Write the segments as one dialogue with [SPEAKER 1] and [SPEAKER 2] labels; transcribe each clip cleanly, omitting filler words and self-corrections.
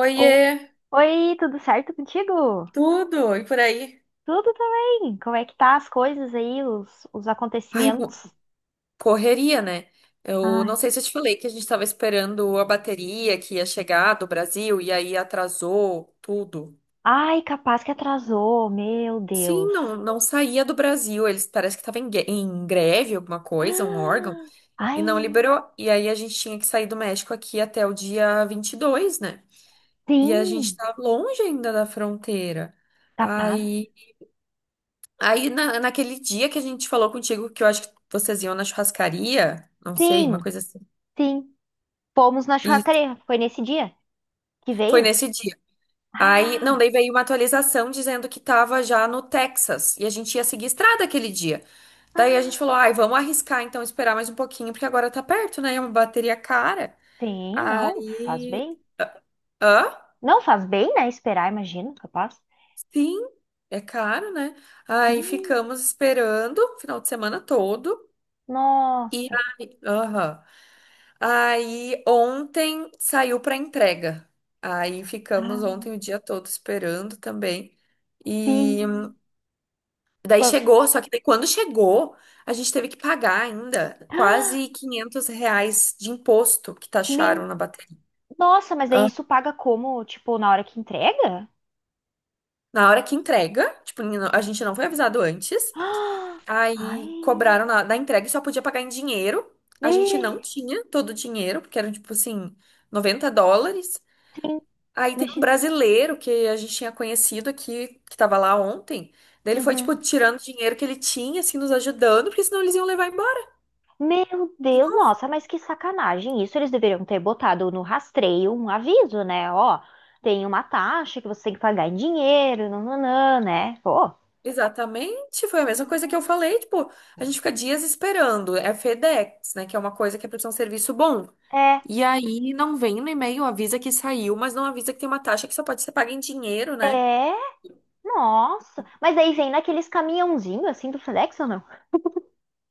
[SPEAKER 1] Oiê,
[SPEAKER 2] Oh. Oi, tudo certo contigo?
[SPEAKER 1] tudo e por aí?
[SPEAKER 2] Tudo também. Como é que tá as coisas aí, os
[SPEAKER 1] Ai,
[SPEAKER 2] acontecimentos?
[SPEAKER 1] correria, né? Eu não
[SPEAKER 2] Ai,
[SPEAKER 1] sei se eu te falei que a gente tava esperando a bateria que ia chegar do Brasil e aí atrasou tudo.
[SPEAKER 2] ai, capaz que atrasou, meu
[SPEAKER 1] Sim,
[SPEAKER 2] Deus.
[SPEAKER 1] não, não saía do Brasil. Eles parece que estavam em greve, alguma coisa, um órgão,
[SPEAKER 2] Ah,
[SPEAKER 1] e não
[SPEAKER 2] ai,
[SPEAKER 1] liberou. E aí a gente tinha que sair do México aqui até o dia 22, né? E a gente
[SPEAKER 2] sim,
[SPEAKER 1] tá longe ainda da fronteira.
[SPEAKER 2] capaz.
[SPEAKER 1] Aí Aí, naquele dia que a gente falou contigo, que eu acho que vocês iam na churrascaria, não sei,
[SPEAKER 2] Sim,
[SPEAKER 1] uma coisa assim.
[SPEAKER 2] sim. Fomos na
[SPEAKER 1] E
[SPEAKER 2] churrascaria, foi nesse dia que
[SPEAKER 1] foi
[SPEAKER 2] veio?
[SPEAKER 1] nesse dia. Aí, não,
[SPEAKER 2] Ah,
[SPEAKER 1] daí veio uma atualização dizendo que tava já no Texas e a gente ia seguir estrada aquele dia. Daí a gente
[SPEAKER 2] ah,
[SPEAKER 1] falou, ai, vamos arriscar então, esperar mais um pouquinho, porque agora tá perto, né? É uma bateria cara.
[SPEAKER 2] sim, não, faz
[SPEAKER 1] Aí.
[SPEAKER 2] bem.
[SPEAKER 1] Hã?
[SPEAKER 2] Não faz bem, né? Esperar, imagino, capaz.
[SPEAKER 1] Sim, é caro, né? Aí
[SPEAKER 2] Sim,
[SPEAKER 1] ficamos esperando o final de semana todo. E
[SPEAKER 2] nossa.
[SPEAKER 1] aí, aham. Aí ontem saiu para entrega. Aí ficamos
[SPEAKER 2] Ah,
[SPEAKER 1] ontem o dia todo esperando também. E
[SPEAKER 2] sim.
[SPEAKER 1] daí
[SPEAKER 2] Por-
[SPEAKER 1] chegou, só que daí quando chegou, a gente teve que pagar ainda quase R$ 500 de imposto que taxaram
[SPEAKER 2] Meu,
[SPEAKER 1] na bateria.
[SPEAKER 2] nossa, mas aí
[SPEAKER 1] Ah,
[SPEAKER 2] isso paga como? Tipo, na hora que entrega?
[SPEAKER 1] na hora que entrega, tipo, a gente não foi avisado antes.
[SPEAKER 2] Ah,
[SPEAKER 1] Aí cobraram
[SPEAKER 2] Ai,
[SPEAKER 1] da entrega e só podia pagar em dinheiro. A gente
[SPEAKER 2] me...
[SPEAKER 1] não tinha todo o dinheiro, porque eram tipo assim, US$ 90.
[SPEAKER 2] sim,
[SPEAKER 1] Aí tem um
[SPEAKER 2] imagina.
[SPEAKER 1] brasileiro que a gente tinha conhecido aqui, que tava lá ontem. Daí ele foi,
[SPEAKER 2] Uhum.
[SPEAKER 1] tipo, tirando o dinheiro que ele tinha, assim, nos ajudando, porque senão eles iam levar embora.
[SPEAKER 2] Meu Deus, nossa, mas que sacanagem. Isso eles deveriam ter botado no rastreio um aviso, né? Ó, tem uma taxa que você tem que pagar em dinheiro, nananã, né? Pô.
[SPEAKER 1] Exatamente, foi a mesma coisa que eu
[SPEAKER 2] Não.
[SPEAKER 1] falei, tipo, a gente fica dias esperando. É FedEx, né? Que é uma coisa que é pra ser um serviço bom.
[SPEAKER 2] É,
[SPEAKER 1] E aí não vem no e-mail, avisa que saiu, mas não avisa que tem uma taxa que só pode ser paga em dinheiro, né?
[SPEAKER 2] é, nossa. Mas aí vem naqueles caminhãozinhos, assim, do FedEx ou não?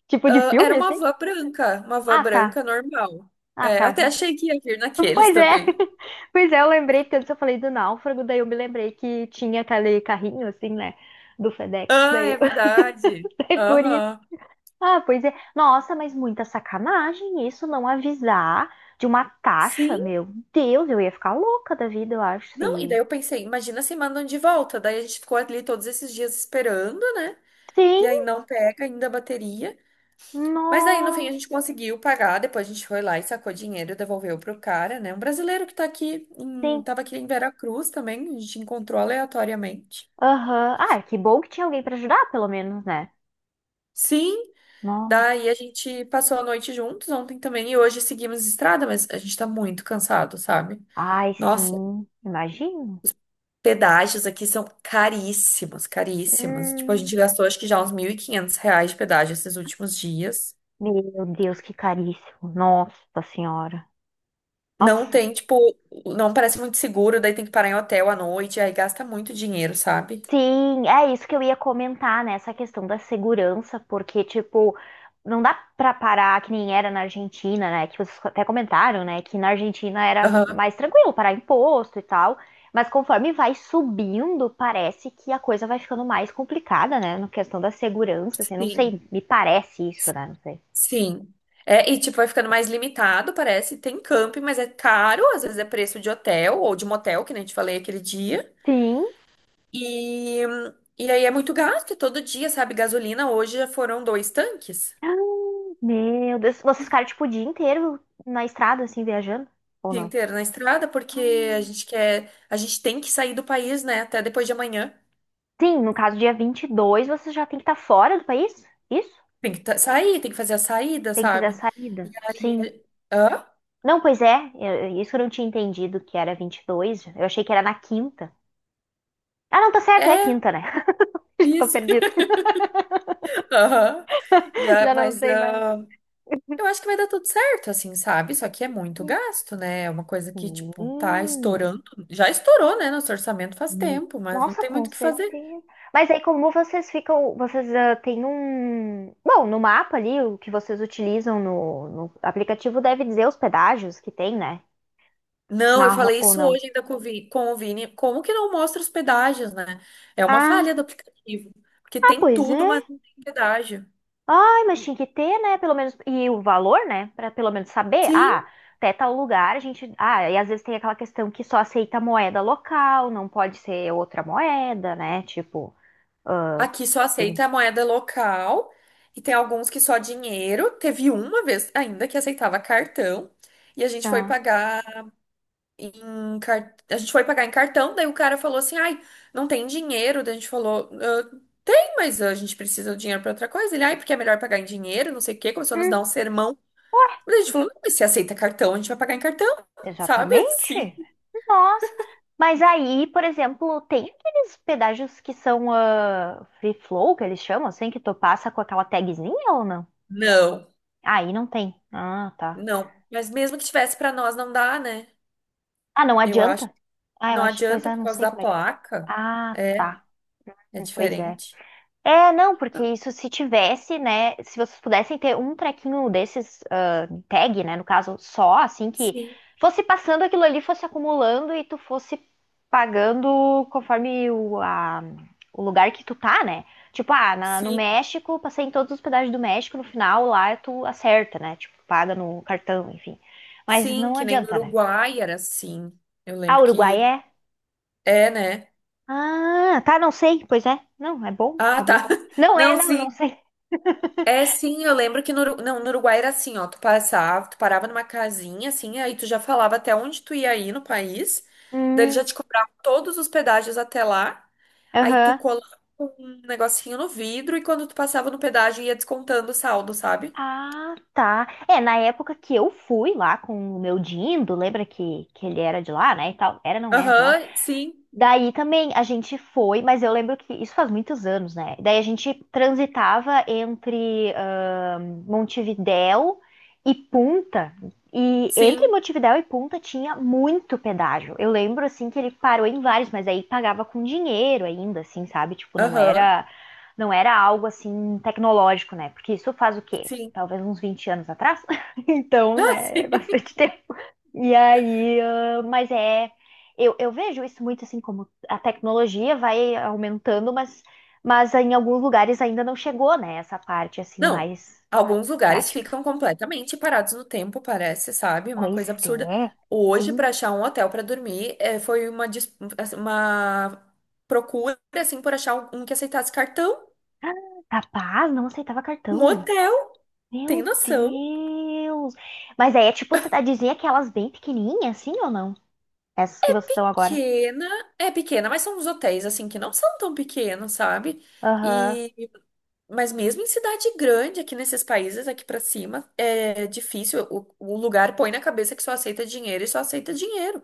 [SPEAKER 2] Tipo de
[SPEAKER 1] Ah, era
[SPEAKER 2] filme, assim?
[SPEAKER 1] uma van
[SPEAKER 2] Ah, tá.
[SPEAKER 1] branca normal.
[SPEAKER 2] Ah,
[SPEAKER 1] É, eu
[SPEAKER 2] tá.
[SPEAKER 1] até achei que ia vir naqueles
[SPEAKER 2] Pois é,
[SPEAKER 1] também.
[SPEAKER 2] pois é, eu lembrei, porque antes eu falei do náufrago, daí eu me lembrei que tinha aquele carrinho, assim, né, do FedEx,
[SPEAKER 1] Ah,
[SPEAKER 2] daí eu...
[SPEAKER 1] é verdade.
[SPEAKER 2] Daí por isso.
[SPEAKER 1] Aham.
[SPEAKER 2] Ah, pois é. Nossa, mas muita sacanagem isso, não avisar de uma taxa,
[SPEAKER 1] Sim.
[SPEAKER 2] meu Deus, eu ia ficar louca da vida, eu acho,
[SPEAKER 1] Não, e
[SPEAKER 2] se...
[SPEAKER 1] daí eu pensei, imagina se mandam de volta. Daí a gente ficou ali todos esses dias esperando, né?
[SPEAKER 2] Sim,
[SPEAKER 1] E aí não pega ainda a bateria. Mas daí no fim a
[SPEAKER 2] nossa,
[SPEAKER 1] gente conseguiu pagar. Depois a gente foi lá e sacou dinheiro, devolveu pro cara, né? Um brasileiro que tá aqui, em,
[SPEAKER 2] sim,
[SPEAKER 1] tava aqui em Veracruz também, a gente encontrou aleatoriamente.
[SPEAKER 2] aham. Ah, que bom que tinha alguém pra ajudar, pelo menos, né?
[SPEAKER 1] Sim,
[SPEAKER 2] Nossa,
[SPEAKER 1] daí a gente passou a noite juntos ontem também e hoje seguimos estrada, mas a gente tá muito cansado, sabe?
[SPEAKER 2] ai,
[SPEAKER 1] Nossa.
[SPEAKER 2] sim, imagino.
[SPEAKER 1] Pedágios aqui são caríssimos, caríssimos. Tipo, a
[SPEAKER 2] Hum,
[SPEAKER 1] gente gastou acho que já uns R$ 1.500 de pedágio esses últimos dias.
[SPEAKER 2] meu Deus, que caríssimo, nossa senhora.
[SPEAKER 1] Não
[SPEAKER 2] Nossa,
[SPEAKER 1] tem, tipo, não parece muito seguro, daí tem que parar em hotel à noite, aí gasta muito dinheiro, sabe?
[SPEAKER 2] sim, é isso que eu ia comentar, né? Essa questão da segurança, porque, tipo, não dá pra parar que nem era na Argentina, né? Que vocês até comentaram, né? Que na Argentina era
[SPEAKER 1] Aham,
[SPEAKER 2] mais tranquilo parar imposto e tal. Mas conforme vai subindo, parece que a coisa vai ficando mais complicada, né? Na questão da segurança, assim, não sei,
[SPEAKER 1] sim,
[SPEAKER 2] me parece isso, né? Não sei.
[SPEAKER 1] sim. É, e tipo, vai ficando mais limitado, parece. Tem camping, mas é caro, às vezes é preço de hotel ou de motel, que nem eu te falei aquele dia.
[SPEAKER 2] Sim.
[SPEAKER 1] E, e aí é muito gasto, é todo dia, sabe? Gasolina hoje já foram dois tanques.
[SPEAKER 2] Meu Deus, vocês ficaram, tipo, o dia inteiro na estrada, assim, viajando? Ou
[SPEAKER 1] Dia inteiro na estrada, porque a
[SPEAKER 2] não?
[SPEAKER 1] gente quer, a gente tem que sair do país, né? Até depois de amanhã.
[SPEAKER 2] Sim, no caso, dia 22 você já tem que estar fora do país? Isso?
[SPEAKER 1] Tem que sair, tem que fazer a saída,
[SPEAKER 2] Tem que fazer a
[SPEAKER 1] sabe? E
[SPEAKER 2] saída. Sim.
[SPEAKER 1] aí, hã?
[SPEAKER 2] Não, pois é. Isso eu não tinha entendido que era 22. Eu achei que era na quinta. Ah, não, tá certo. É
[SPEAKER 1] É,
[SPEAKER 2] quinta, né? Já tô
[SPEAKER 1] isso.
[SPEAKER 2] perdida.
[SPEAKER 1] Aham. E a-
[SPEAKER 2] Já não
[SPEAKER 1] mas
[SPEAKER 2] sei mais.
[SPEAKER 1] ah, eu acho que vai dar tudo certo, assim, sabe? Só que é muito gasto, né? É uma coisa que, tipo, tá
[SPEAKER 2] Hum,
[SPEAKER 1] estourando. Já estourou, né? Nosso orçamento faz
[SPEAKER 2] hum.
[SPEAKER 1] tempo, mas não
[SPEAKER 2] Nossa,
[SPEAKER 1] tem
[SPEAKER 2] com
[SPEAKER 1] muito o que fazer.
[SPEAKER 2] certeza. Mas aí, como vocês ficam? Vocês ah, têm um. Bom, no mapa ali, o que vocês utilizam no aplicativo deve dizer os pedágios que tem, né?
[SPEAKER 1] Não, eu falei
[SPEAKER 2] Ou
[SPEAKER 1] isso
[SPEAKER 2] não?
[SPEAKER 1] hoje ainda com o Vini. Como que não mostra os pedágios, né? É uma falha
[SPEAKER 2] Ah,
[SPEAKER 1] do aplicativo. Porque
[SPEAKER 2] ah,
[SPEAKER 1] tem
[SPEAKER 2] pois
[SPEAKER 1] tudo,
[SPEAKER 2] é.
[SPEAKER 1] mas não tem pedágio.
[SPEAKER 2] Ai, mas tinha que ter, né? Pelo menos. E o valor, né? Pra pelo menos saber. Ah,
[SPEAKER 1] Sim.
[SPEAKER 2] até tal lugar a gente. Ah, e às vezes tem aquela questão que só aceita moeda local, não pode ser outra moeda, né? Tipo. Ah,
[SPEAKER 1] Aqui só
[SPEAKER 2] tem-
[SPEAKER 1] aceita a moeda local e tem alguns que só dinheiro. Teve uma vez ainda que aceitava cartão e a gente foi
[SPEAKER 2] ah,
[SPEAKER 1] pagar em cartão, daí o cara falou assim: "Ai, não tem dinheiro". Daí a gente falou: "Ah, "Tem, mas a gente precisa do dinheiro para outra coisa". Ele: "Ai, porque é melhor pagar em dinheiro, não sei o quê". Começou a nos
[SPEAKER 2] hum,
[SPEAKER 1] dar um sermão.
[SPEAKER 2] ué,
[SPEAKER 1] Mas a gente falou, não, mas se aceita cartão, a gente vai pagar em cartão, sabe?
[SPEAKER 2] exatamente.
[SPEAKER 1] Assim.
[SPEAKER 2] Nossa. Mas aí, por exemplo, tem aqueles pedágios que são ah, free flow, que eles chamam, assim, que tu passa com aquela tagzinha ou não?
[SPEAKER 1] Não,
[SPEAKER 2] Aí não tem. Ah, tá.
[SPEAKER 1] não. Mas mesmo que tivesse pra nós, não dá, né?
[SPEAKER 2] Ah, não
[SPEAKER 1] Eu acho.
[SPEAKER 2] adianta? Ah, eu
[SPEAKER 1] Não
[SPEAKER 2] acho, pois
[SPEAKER 1] adianta
[SPEAKER 2] é,
[SPEAKER 1] por
[SPEAKER 2] não
[SPEAKER 1] causa
[SPEAKER 2] sei
[SPEAKER 1] da
[SPEAKER 2] como é que foi.
[SPEAKER 1] placa.
[SPEAKER 2] Ah,
[SPEAKER 1] É,
[SPEAKER 2] tá.
[SPEAKER 1] é
[SPEAKER 2] Pois é.
[SPEAKER 1] diferente.
[SPEAKER 2] É, não, porque isso se tivesse, né? Se vocês pudessem ter um trequinho desses, ah, tag, né? No caso, só, assim, que
[SPEAKER 1] Sim,
[SPEAKER 2] fosse passando aquilo ali, fosse acumulando e tu fosse pagando conforme o, a- o lugar que tu tá, né? Tipo, ah, no
[SPEAKER 1] sim,
[SPEAKER 2] México, passei em todos os pedágios do México, no final lá tu acerta, né? Tipo, paga no cartão, enfim. Mas
[SPEAKER 1] sim,
[SPEAKER 2] não
[SPEAKER 1] que nem no
[SPEAKER 2] adianta, né?
[SPEAKER 1] Uruguai era assim. Eu
[SPEAKER 2] Ah,
[SPEAKER 1] lembro
[SPEAKER 2] Uruguai
[SPEAKER 1] que
[SPEAKER 2] é?
[SPEAKER 1] é, né?
[SPEAKER 2] Ah, tá, não sei. Pois é. Não, é bom
[SPEAKER 1] Ah,
[SPEAKER 2] saber.
[SPEAKER 1] tá.
[SPEAKER 2] Não é,
[SPEAKER 1] Não,
[SPEAKER 2] não, eu não
[SPEAKER 1] sim.
[SPEAKER 2] sei.
[SPEAKER 1] É, sim, eu lembro que no Uruguai era assim, ó, tu passava, tu parava numa casinha, assim, aí tu já falava até onde tu ia ir no país, daí ele já
[SPEAKER 2] Hum,
[SPEAKER 1] te cobrava todos os pedágios até lá, aí tu
[SPEAKER 2] aham.
[SPEAKER 1] colava um negocinho no vidro e quando tu passava no pedágio ia descontando o saldo, sabe?
[SPEAKER 2] Ah, tá. É, na época que eu fui lá com o meu Dindo, lembra que, ele era de lá, né, e tal? Era, não era de lá?
[SPEAKER 1] Aham, sim,
[SPEAKER 2] Daí também a gente foi, mas eu lembro que isso faz muitos anos, né? Daí a gente transitava entre Montevidéu e Punta. E entre
[SPEAKER 1] sim,
[SPEAKER 2] Montevidéu e Punta tinha muito pedágio. Eu lembro assim que ele parou em vários, mas aí pagava com dinheiro ainda, assim, sabe? Tipo, não
[SPEAKER 1] aham,
[SPEAKER 2] era não era algo assim tecnológico, né? Porque isso faz o quê?
[SPEAKER 1] sim.
[SPEAKER 2] Talvez uns 20 anos atrás. Então,
[SPEAKER 1] Ah,
[SPEAKER 2] né,
[SPEAKER 1] sim.
[SPEAKER 2] é bastante tempo. E aí, ah, mas é, eu vejo isso muito assim como a tecnologia vai aumentando, mas em alguns lugares ainda não chegou, né? Essa parte assim
[SPEAKER 1] Não,
[SPEAKER 2] mais
[SPEAKER 1] alguns lugares
[SPEAKER 2] prática.
[SPEAKER 1] ficam completamente parados no tempo, parece, sabe? Uma
[SPEAKER 2] Pois
[SPEAKER 1] coisa absurda.
[SPEAKER 2] é.
[SPEAKER 1] Hoje,
[SPEAKER 2] Hum,
[SPEAKER 1] para achar um hotel para dormir, foi uma procura, assim, por achar um que aceitasse cartão.
[SPEAKER 2] Capaz, não aceitava
[SPEAKER 1] Um
[SPEAKER 2] cartão.
[SPEAKER 1] hotel, tem
[SPEAKER 2] Meu
[SPEAKER 1] noção?
[SPEAKER 2] Deus! Mas aí é tipo cidadezinha aquelas bem pequenininhas, assim ou não? Essas que vocês estão agora.
[SPEAKER 1] Pequena, é pequena, mas são uns hotéis, assim, que não são tão pequenos, sabe?
[SPEAKER 2] Aham.
[SPEAKER 1] E, mas mesmo em cidade grande, aqui nesses países, aqui para cima, é difícil. O lugar põe na cabeça que só aceita dinheiro e só aceita dinheiro.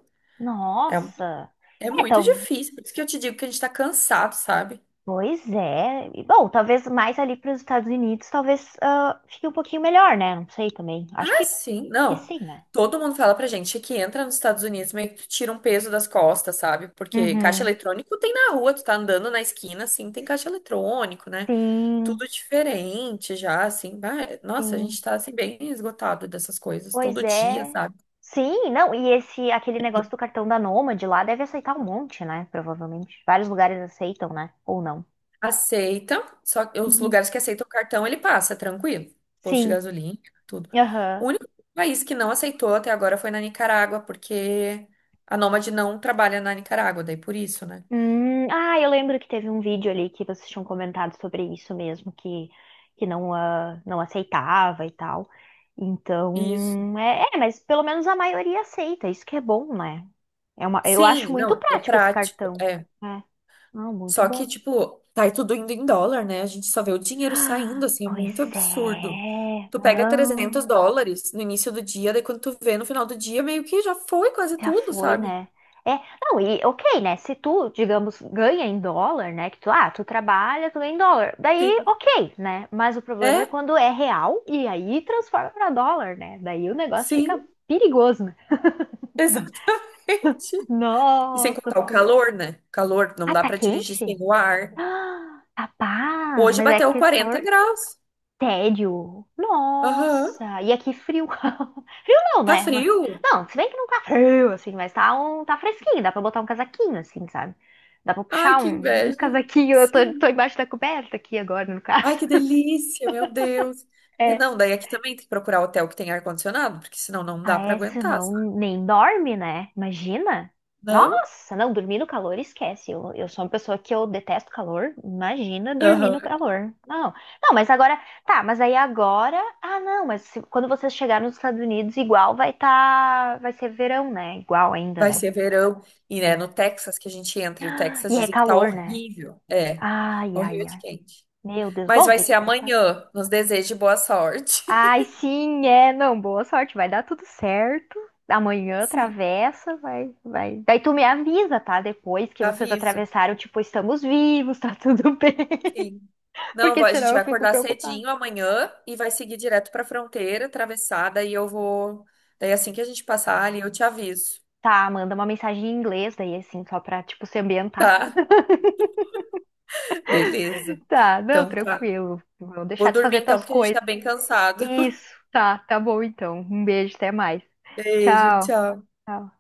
[SPEAKER 1] É um
[SPEAKER 2] Nossa!
[SPEAKER 1] É
[SPEAKER 2] É,
[SPEAKER 1] muito
[SPEAKER 2] tal,
[SPEAKER 1] difícil, por isso que eu te digo que a gente tá cansado, sabe?
[SPEAKER 2] pois é. E, bom, talvez mais ali para os Estados Unidos, talvez ah, fique um pouquinho melhor, né? Não sei também. Acho
[SPEAKER 1] Ah,
[SPEAKER 2] que,
[SPEAKER 1] sim,
[SPEAKER 2] que
[SPEAKER 1] não.
[SPEAKER 2] sim, né?
[SPEAKER 1] Todo mundo fala pra gente que entra nos Estados Unidos meio que tu tira um peso das costas, sabe? Porque caixa
[SPEAKER 2] Uhum.
[SPEAKER 1] eletrônico tem na rua, tu tá andando na esquina, assim, tem caixa eletrônico, né?
[SPEAKER 2] Sim,
[SPEAKER 1] Tudo diferente já, assim. Nossa, a gente
[SPEAKER 2] sim.
[SPEAKER 1] tá assim bem esgotado dessas coisas
[SPEAKER 2] Pois
[SPEAKER 1] todo dia,
[SPEAKER 2] é.
[SPEAKER 1] sabe?
[SPEAKER 2] Sim, não, e esse aquele negócio do cartão da Nômade lá deve aceitar um monte, né? Provavelmente. Vários lugares aceitam, né? Ou não.
[SPEAKER 1] Aceita, só que os
[SPEAKER 2] Uhum.
[SPEAKER 1] lugares que aceitam o cartão ele passa, tranquilo. Posto de
[SPEAKER 2] Sim.
[SPEAKER 1] gasolina, tudo.
[SPEAKER 2] Aham.
[SPEAKER 1] O único país que não aceitou até agora foi na Nicarágua, porque a Nômade não trabalha na Nicarágua, daí por isso, né?
[SPEAKER 2] Ah, eu lembro que teve um vídeo ali que vocês tinham comentado sobre isso mesmo, que não, ah, não aceitava e tal.
[SPEAKER 1] Isso.
[SPEAKER 2] Então, é, é, mas pelo menos a maioria aceita, isso que é bom, né? É uma, eu acho
[SPEAKER 1] Sim,
[SPEAKER 2] muito
[SPEAKER 1] não, é
[SPEAKER 2] prático esse
[SPEAKER 1] prático,
[SPEAKER 2] cartão.
[SPEAKER 1] é.
[SPEAKER 2] É, não, muito
[SPEAKER 1] Só que,
[SPEAKER 2] bom.
[SPEAKER 1] tipo, tá aí tudo indo em dólar, né? A gente só vê o dinheiro
[SPEAKER 2] Ah,
[SPEAKER 1] saindo, assim, é muito
[SPEAKER 2] pois
[SPEAKER 1] absurdo.
[SPEAKER 2] é,
[SPEAKER 1] Tu pega 300
[SPEAKER 2] não.
[SPEAKER 1] dólares no início do dia, daí quando tu vê no final do dia, meio que já foi quase
[SPEAKER 2] Já
[SPEAKER 1] tudo,
[SPEAKER 2] foi,
[SPEAKER 1] sabe?
[SPEAKER 2] né? É, não, e ok, né? Se tu, digamos, ganha em dólar, né? Que tu, ah, tu trabalha, tu ganha em dólar. Daí,
[SPEAKER 1] Sim.
[SPEAKER 2] ok, né? Mas o problema é
[SPEAKER 1] É,
[SPEAKER 2] quando é real e aí transforma pra dólar, né? Daí o negócio fica
[SPEAKER 1] sim,
[SPEAKER 2] perigoso, né?
[SPEAKER 1] exato. E sem
[SPEAKER 2] Nossa
[SPEAKER 1] contar o
[SPEAKER 2] Senhora.
[SPEAKER 1] calor, né? Calor, não
[SPEAKER 2] Ah,
[SPEAKER 1] dá
[SPEAKER 2] tá
[SPEAKER 1] pra dirigir sem
[SPEAKER 2] quente?
[SPEAKER 1] o ar.
[SPEAKER 2] Ah, rapaz,
[SPEAKER 1] Hoje
[SPEAKER 2] mas é
[SPEAKER 1] bateu
[SPEAKER 2] aquele
[SPEAKER 1] 40
[SPEAKER 2] calor.
[SPEAKER 1] graus.
[SPEAKER 2] Tédio.
[SPEAKER 1] Aham.
[SPEAKER 2] Nossa, e aqui frio. Frio não,
[SPEAKER 1] Tá
[SPEAKER 2] né? Mas-
[SPEAKER 1] frio?
[SPEAKER 2] Não, se bem que não tá frio, assim, mas tá, um, tá fresquinho, dá pra botar um casaquinho, assim, sabe? Dá pra
[SPEAKER 1] Ai,
[SPEAKER 2] puxar
[SPEAKER 1] que
[SPEAKER 2] um,
[SPEAKER 1] inveja.
[SPEAKER 2] casaquinho, eu tô
[SPEAKER 1] Sim.
[SPEAKER 2] embaixo da coberta aqui agora, no
[SPEAKER 1] Ai,
[SPEAKER 2] caso.
[SPEAKER 1] que delícia, meu Deus. É,
[SPEAKER 2] É.
[SPEAKER 1] não, daí aqui também tem que procurar hotel que tem ar-condicionado, porque senão não
[SPEAKER 2] Ah,
[SPEAKER 1] dá pra
[SPEAKER 2] essa
[SPEAKER 1] aguentar, sabe?
[SPEAKER 2] não nem dorme, né? Imagina!
[SPEAKER 1] Não?
[SPEAKER 2] Nossa, não, dormir no calor, esquece. eu sou uma pessoa que eu detesto calor. Imagina dormir no
[SPEAKER 1] Aham.
[SPEAKER 2] calor. Não, não, mas agora, tá, mas aí agora, ah, não, mas quando vocês chegarem nos Estados Unidos, igual vai tá, vai ser verão, né? Igual ainda,
[SPEAKER 1] Vai
[SPEAKER 2] né?
[SPEAKER 1] ser verão. E é
[SPEAKER 2] Sim.
[SPEAKER 1] no Texas que a gente entra, e o Texas
[SPEAKER 2] E é
[SPEAKER 1] dizem que tá
[SPEAKER 2] calor, né?
[SPEAKER 1] horrível. É,
[SPEAKER 2] Ai,
[SPEAKER 1] horrível
[SPEAKER 2] ai,
[SPEAKER 1] de
[SPEAKER 2] ai.
[SPEAKER 1] quente.
[SPEAKER 2] Meu Deus,
[SPEAKER 1] Mas
[SPEAKER 2] bom,
[SPEAKER 1] vai
[SPEAKER 2] tem
[SPEAKER 1] ser
[SPEAKER 2] que preparar.
[SPEAKER 1] amanhã. Nos desejo boa sorte.
[SPEAKER 2] Ai, sim, é. Não, boa sorte. Vai dar tudo certo. Amanhã
[SPEAKER 1] Sim,
[SPEAKER 2] atravessa, vai, vai. Daí tu me avisa, tá? Depois que vocês
[SPEAKER 1] aviso.
[SPEAKER 2] atravessaram, tipo, estamos vivos, tá tudo bem.
[SPEAKER 1] Sim. Não,
[SPEAKER 2] Porque
[SPEAKER 1] a
[SPEAKER 2] senão
[SPEAKER 1] gente
[SPEAKER 2] eu
[SPEAKER 1] vai
[SPEAKER 2] fico
[SPEAKER 1] acordar
[SPEAKER 2] preocupada.
[SPEAKER 1] cedinho amanhã e vai seguir direto pra fronteira, atravessada, e eu vou. Daí assim que a gente passar ali, eu te aviso.
[SPEAKER 2] Tá, manda uma mensagem em inglês daí, assim, só pra, tipo, se ambientar.
[SPEAKER 1] Tá? Beleza.
[SPEAKER 2] Tá, não,
[SPEAKER 1] Então tá.
[SPEAKER 2] tranquilo. Vou
[SPEAKER 1] Vou
[SPEAKER 2] deixar tu
[SPEAKER 1] dormir
[SPEAKER 2] fazer
[SPEAKER 1] então,
[SPEAKER 2] tuas
[SPEAKER 1] porque a gente tá
[SPEAKER 2] coisas.
[SPEAKER 1] bem cansado.
[SPEAKER 2] Isso, tá, tá bom então. Um beijo, até mais.
[SPEAKER 1] Beijo,
[SPEAKER 2] Tchau.
[SPEAKER 1] tchau.
[SPEAKER 2] Tchau.